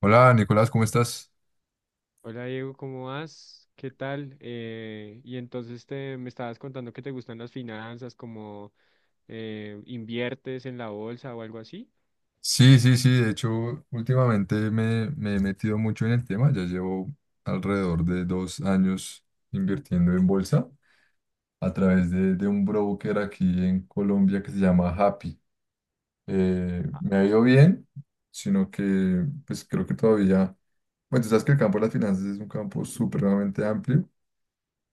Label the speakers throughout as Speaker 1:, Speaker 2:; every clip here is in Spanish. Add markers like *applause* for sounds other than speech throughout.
Speaker 1: Hola Nicolás, ¿cómo estás?
Speaker 2: Hola Diego, ¿cómo vas? ¿Qué tal? Y entonces me estabas contando que te gustan las finanzas, como inviertes en la bolsa o algo así.
Speaker 1: Sí, sí, sí, de hecho últimamente me he metido mucho en el tema, ya llevo alrededor de 2 años invirtiendo en bolsa a través de un broker aquí en Colombia que se llama Happy. Me ha ido bien, sino que pues creo que todavía, bueno, tú sabes que el campo de las finanzas es un campo supremamente amplio,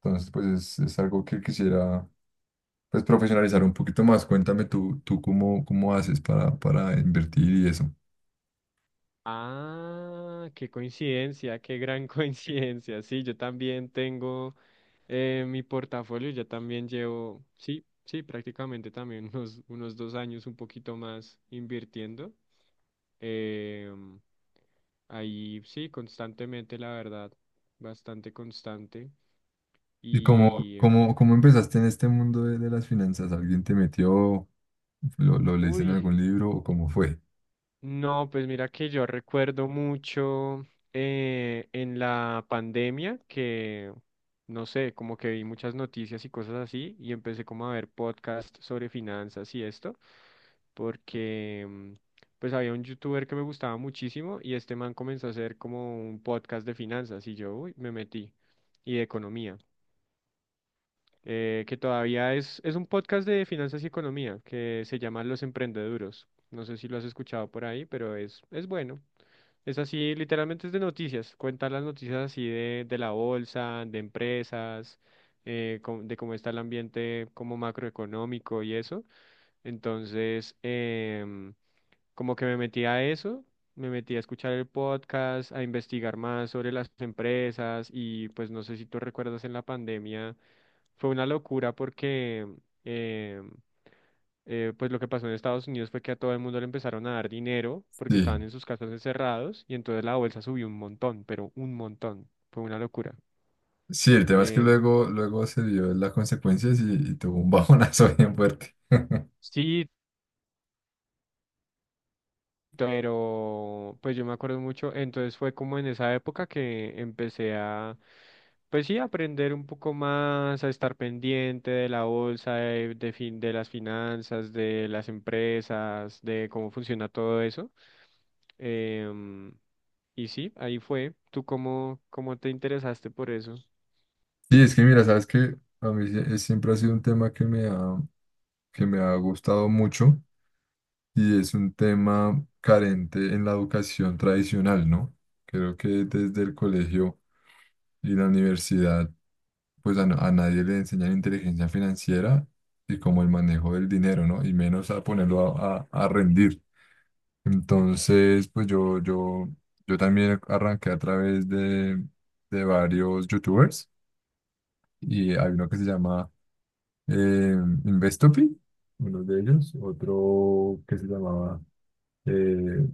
Speaker 1: entonces pues es algo que quisiera pues profesionalizar un poquito más. Cuéntame tú cómo haces para invertir y eso.
Speaker 2: Ah, qué coincidencia, qué gran *laughs* coincidencia. Sí, yo también tengo mi portafolio, yo también llevo, sí, sí, prácticamente también *laughs* unos 2 años un poquito más invirtiendo. Em, Ahí sí, constantemente, la verdad, bastante constante.
Speaker 1: ¿Y cómo,
Speaker 2: Y,
Speaker 1: cómo, cómo empezaste en este mundo de las finanzas? ¿Alguien te metió? ¿Lo leíste en
Speaker 2: Uy,
Speaker 1: algún libro o cómo fue?
Speaker 2: no, pues mira que yo recuerdo mucho en la pandemia no sé, como que vi muchas noticias y cosas así y empecé como a ver podcasts sobre finanzas y esto, porque pues había un youtuber que me gustaba muchísimo y este man comenzó a hacer como un podcast de finanzas y yo, uy, me metí y de economía. Que todavía es un podcast de finanzas y economía que se llama Los Emprendeduros. No sé si lo has escuchado por ahí, pero es bueno. Es así, literalmente es de noticias. Cuenta las noticias así de la bolsa, de empresas, de cómo está el ambiente como macroeconómico y eso. Entonces, em, como que me metí a eso. Me metí a escuchar el podcast, a investigar más sobre las empresas y pues no sé si tú recuerdas en la pandemia fue una locura porque eh, pues lo que pasó en Estados Unidos fue que a todo el mundo le empezaron a dar dinero porque estaban
Speaker 1: Sí,
Speaker 2: en sus casas encerrados y entonces la bolsa subió un montón, pero un montón. Fue una locura.
Speaker 1: sí, el tema es que
Speaker 2: Eh,
Speaker 1: luego se dio las consecuencias y tuvo un bajonazo *laughs* bien fuerte. *laughs*
Speaker 2: sí, pero pues yo me acuerdo mucho, entonces fue como en esa época que pues sí, aprender un poco más, a estar pendiente de la bolsa, de las finanzas, de las empresas, de cómo funciona todo eso. Em, y sí, ahí fue. ¿Tú cómo, cómo te interesaste por eso?
Speaker 1: Sí, es que mira, sabes que a mí siempre ha sido un tema que me ha gustado mucho y es un tema carente en la educación tradicional, ¿no? Creo que desde el colegio y la universidad pues a nadie le enseñan inteligencia financiera y como el manejo del dinero, ¿no? Y menos a ponerlo a rendir. Entonces, pues yo también arranqué a través de varios youtubers y hay uno que se llama eh, Investopi, uno de ellos, otro que se llamaba eh,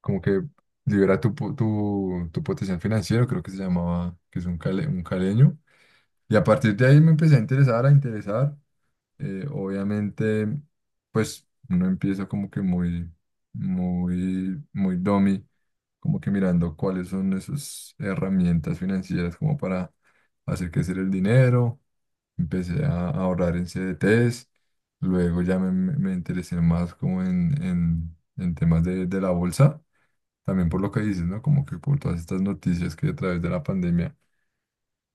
Speaker 1: como que libera tu potencial financiero, creo que se llamaba, que es un caleño. Y a partir de ahí me empecé a interesar. Obviamente, pues uno empieza como que muy, muy, muy dummy, como que mirando cuáles son esas herramientas financieras como para hacer crecer el dinero. Empecé a ahorrar en CDTs, luego ya me interesé más como en temas de la bolsa, también por lo que dices, ¿no? Como que por todas estas noticias que a través de la pandemia,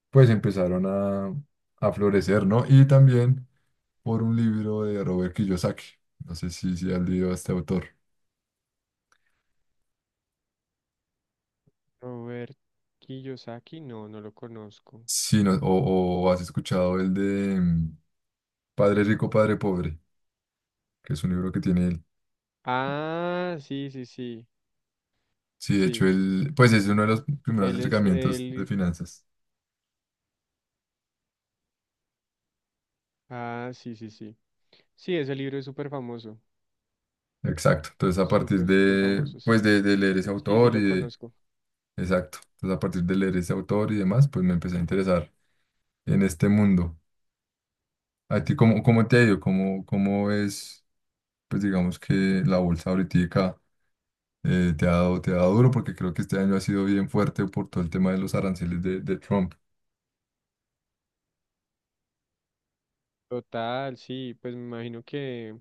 Speaker 1: pues empezaron a florecer, ¿no? Y también por un libro de Robert Kiyosaki. No sé si has leído a este autor.
Speaker 2: Robert Kiyosaki, no, no lo conozco.
Speaker 1: Sí, o has escuchado el de Padre Rico, Padre Pobre, que es un libro que tiene él.
Speaker 2: Ah, sí, sí, sí,
Speaker 1: Sí, de hecho,
Speaker 2: sí.
Speaker 1: él, pues es uno de los primeros
Speaker 2: Él es
Speaker 1: acercamientos de
Speaker 2: el…
Speaker 1: finanzas.
Speaker 2: Ah, sí, sí, sí. Sí, ese libro es súper famoso.
Speaker 1: Exacto. Entonces, a partir
Speaker 2: Súper, súper
Speaker 1: de,
Speaker 2: famoso,
Speaker 1: pues
Speaker 2: sí.
Speaker 1: de, de leer ese
Speaker 2: Sí, sí,
Speaker 1: autor y
Speaker 2: lo
Speaker 1: de,
Speaker 2: conozco.
Speaker 1: Exacto. Entonces, a partir de leer ese autor y demás, pues me empecé a interesar en este mundo. ¿A ti cómo te ha ido? ¿Cómo es, pues digamos que la bolsa ahorita? Te ha dado duro porque creo que este año ha sido bien fuerte por todo el tema de los aranceles de Trump.
Speaker 2: Total, sí, pues me imagino que,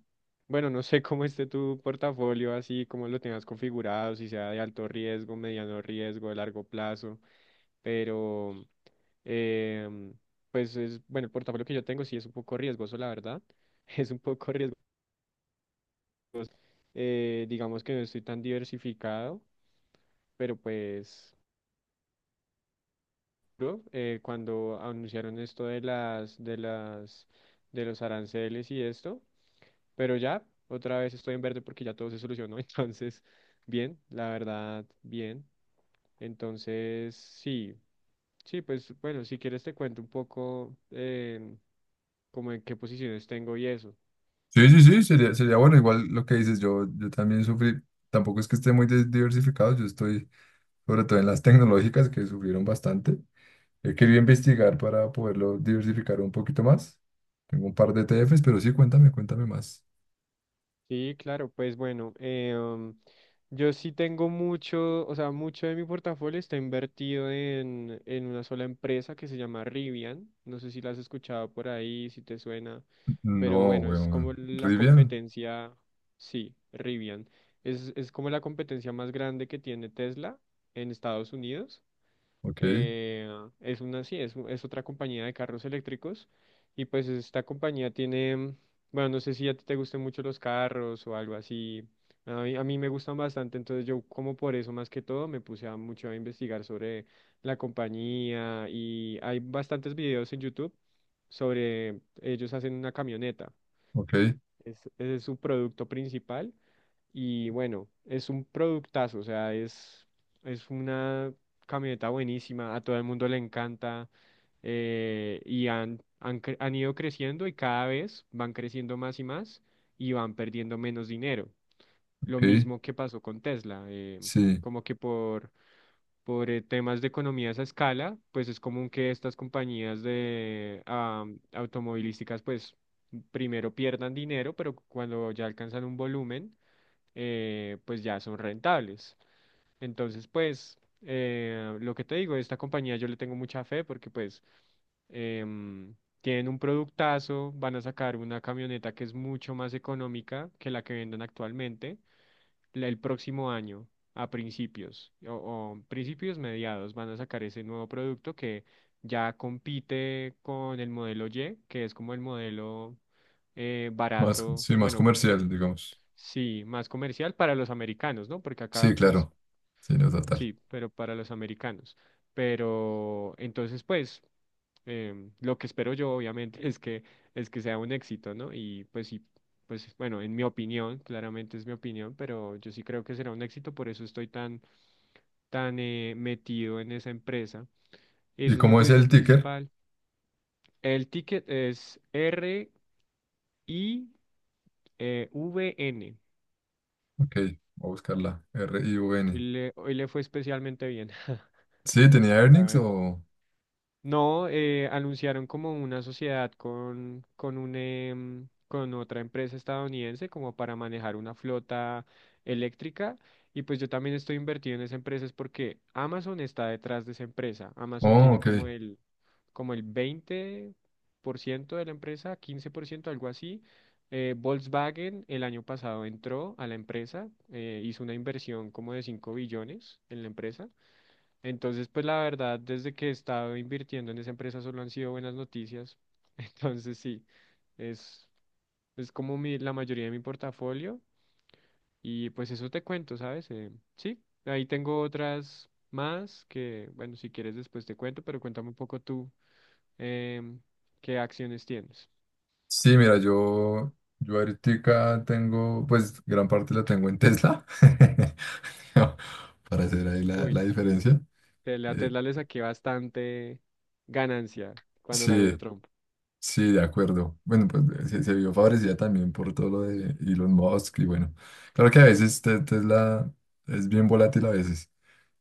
Speaker 2: bueno, no sé cómo esté tu portafolio, así como lo tengas configurado, si sea de alto riesgo, mediano riesgo, de largo plazo, pero, em, pues es, bueno, el portafolio que yo tengo sí es un poco riesgoso, la verdad, *laughs* es un poco riesgoso. Digamos que no estoy tan diversificado, pero pues… ¿no? Eh, cuando anunciaron esto de los aranceles y esto, pero ya otra vez estoy en verde porque ya todo se solucionó, *laughs* entonces, bien, la verdad, bien. Entonces, sí, sí, pues bueno, si quieres te cuento un poco como en qué posiciones tengo y eso.
Speaker 1: Sí, sí, sí, sería bueno. Igual lo que dices, yo también sufrí, tampoco es que esté muy diversificado, yo estoy sobre todo en las tecnológicas que sufrieron bastante. He querido investigar para poderlo diversificar un poquito más. Tengo un par de E T ETFs, pero sí, cuéntame más.
Speaker 2: Sí, claro, pues bueno, yo sí tengo mucho, o sea, mucho de mi portafolio está invertido en una sola empresa que se llama Rivian. No sé si la has escuchado por ahí, si te suena, pero
Speaker 1: No,
Speaker 2: bueno, es como
Speaker 1: weón.
Speaker 2: la
Speaker 1: Rivian.
Speaker 2: competencia, sí, Rivian. Es como la competencia más grande que tiene Tesla en Estados Unidos.
Speaker 1: Ok,
Speaker 2: eh, es una, sí, es otra compañía de carros eléctricos. Y pues esta compañía tiene, bueno, no sé si a ti te gusten mucho los carros o algo así. A mí me gustan bastante, entonces yo como por eso más que todo me puse a mucho a investigar sobre la compañía y hay bastantes videos en YouTube sobre ellos. Hacen una camioneta.
Speaker 1: ok,
Speaker 2: Ese es su producto principal. Y bueno, es un productazo, o sea, es una camioneta buenísima, a todo el mundo le encanta. Han ido creciendo y cada vez van creciendo más y más y van perdiendo menos dinero. Lo
Speaker 1: ok.
Speaker 2: mismo que pasó con Tesla,
Speaker 1: Sí,
Speaker 2: como que por temas de economías a escala, pues es común que estas compañías automovilísticas, pues primero pierdan dinero, pero cuando ya alcanzan un volumen, pues ya son rentables. Entonces, pues lo que te digo, esta compañía yo le tengo mucha fe porque pues em, tienen un productazo, van a sacar una camioneta que es mucho más económica que la que venden actualmente el próximo año, a principios o principios mediados, van a sacar ese nuevo producto que ya compite con el modelo Y, que es como el modelo barato,
Speaker 1: sí, más
Speaker 2: bueno,
Speaker 1: comercial, digamos.
Speaker 2: sí, más comercial para los americanos, ¿no? Porque
Speaker 1: Sí,
Speaker 2: acá, pues,
Speaker 1: claro. Sí, no, total.
Speaker 2: sí, pero para los americanos. Pero entonces, pues lo que espero yo, obviamente, *laughs* es que sea un éxito, ¿no? Y pues sí, pues bueno, en mi opinión, claramente es mi opinión, pero yo sí creo que será un éxito, por eso estoy tan, tan metido en esa empresa.
Speaker 1: ¿Y
Speaker 2: Esa es mi
Speaker 1: cómo es
Speaker 2: posición
Speaker 1: el ticker?
Speaker 2: principal. El ticket es R I E V N.
Speaker 1: Ok, voy a buscarla. R-I-U-N.
Speaker 2: Hoy le fue especialmente bien, *laughs*
Speaker 1: Sí, tenía
Speaker 2: la
Speaker 1: earnings
Speaker 2: verdad.
Speaker 1: o.
Speaker 2: No, anunciaron como una sociedad con un, con otra empresa estadounidense como para manejar una flota eléctrica. Y pues yo también estoy invertido en esa empresa es porque Amazon está detrás de esa empresa. Amazon
Speaker 1: Oh,
Speaker 2: tiene
Speaker 1: ok.
Speaker 2: como el 20% de la empresa, 15%, algo así. Volkswagen el año pasado entró a la empresa, hizo una inversión como de 5 billones en la empresa. Entonces, pues la verdad, desde que he estado invirtiendo en esa empresa solo han sido buenas noticias. *laughs* Entonces, sí, es, es como mi, la mayoría de mi portafolio. Y pues eso te cuento, ¿sabes? Sí, ahí tengo otras más que, bueno, si quieres después te cuento, pero cuéntame un poco tú em, qué acciones tienes.
Speaker 1: Sí, mira, yo ahorita tengo, pues gran parte la tengo en Tesla, *laughs* para hacer ahí la,
Speaker 2: Uy,
Speaker 1: la diferencia.
Speaker 2: la
Speaker 1: Eh,
Speaker 2: Tesla le saqué bastante ganancia cuando ganó
Speaker 1: sí,
Speaker 2: Trump.
Speaker 1: sí, de acuerdo. Bueno, pues se vio favorecida también por todo lo de Elon Musk y bueno, claro que a veces Tesla es bien volátil a veces.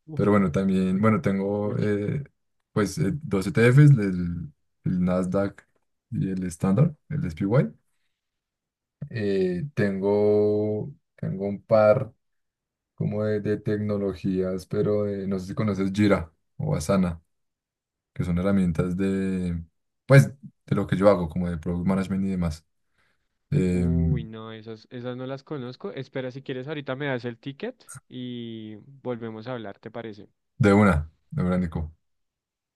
Speaker 2: Uf.
Speaker 1: Pero bueno, también,
Speaker 2: *laughs*
Speaker 1: bueno, tengo
Speaker 2: Uy.
Speaker 1: pues dos ETFs, el Nasdaq y el Standard, el S SPY. Tengo un par como de tecnologías, pero no sé si conoces Jira o Asana, que son herramientas pues, de lo que yo hago, como de product management y demás.
Speaker 2: Uy,
Speaker 1: Em,
Speaker 2: no, esas, esas no las conozco. Espera, si quieres, ahorita me das el ticket y volvemos a hablar, ¿te parece?
Speaker 1: de una, de una, Nico.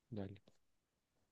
Speaker 2: Dale.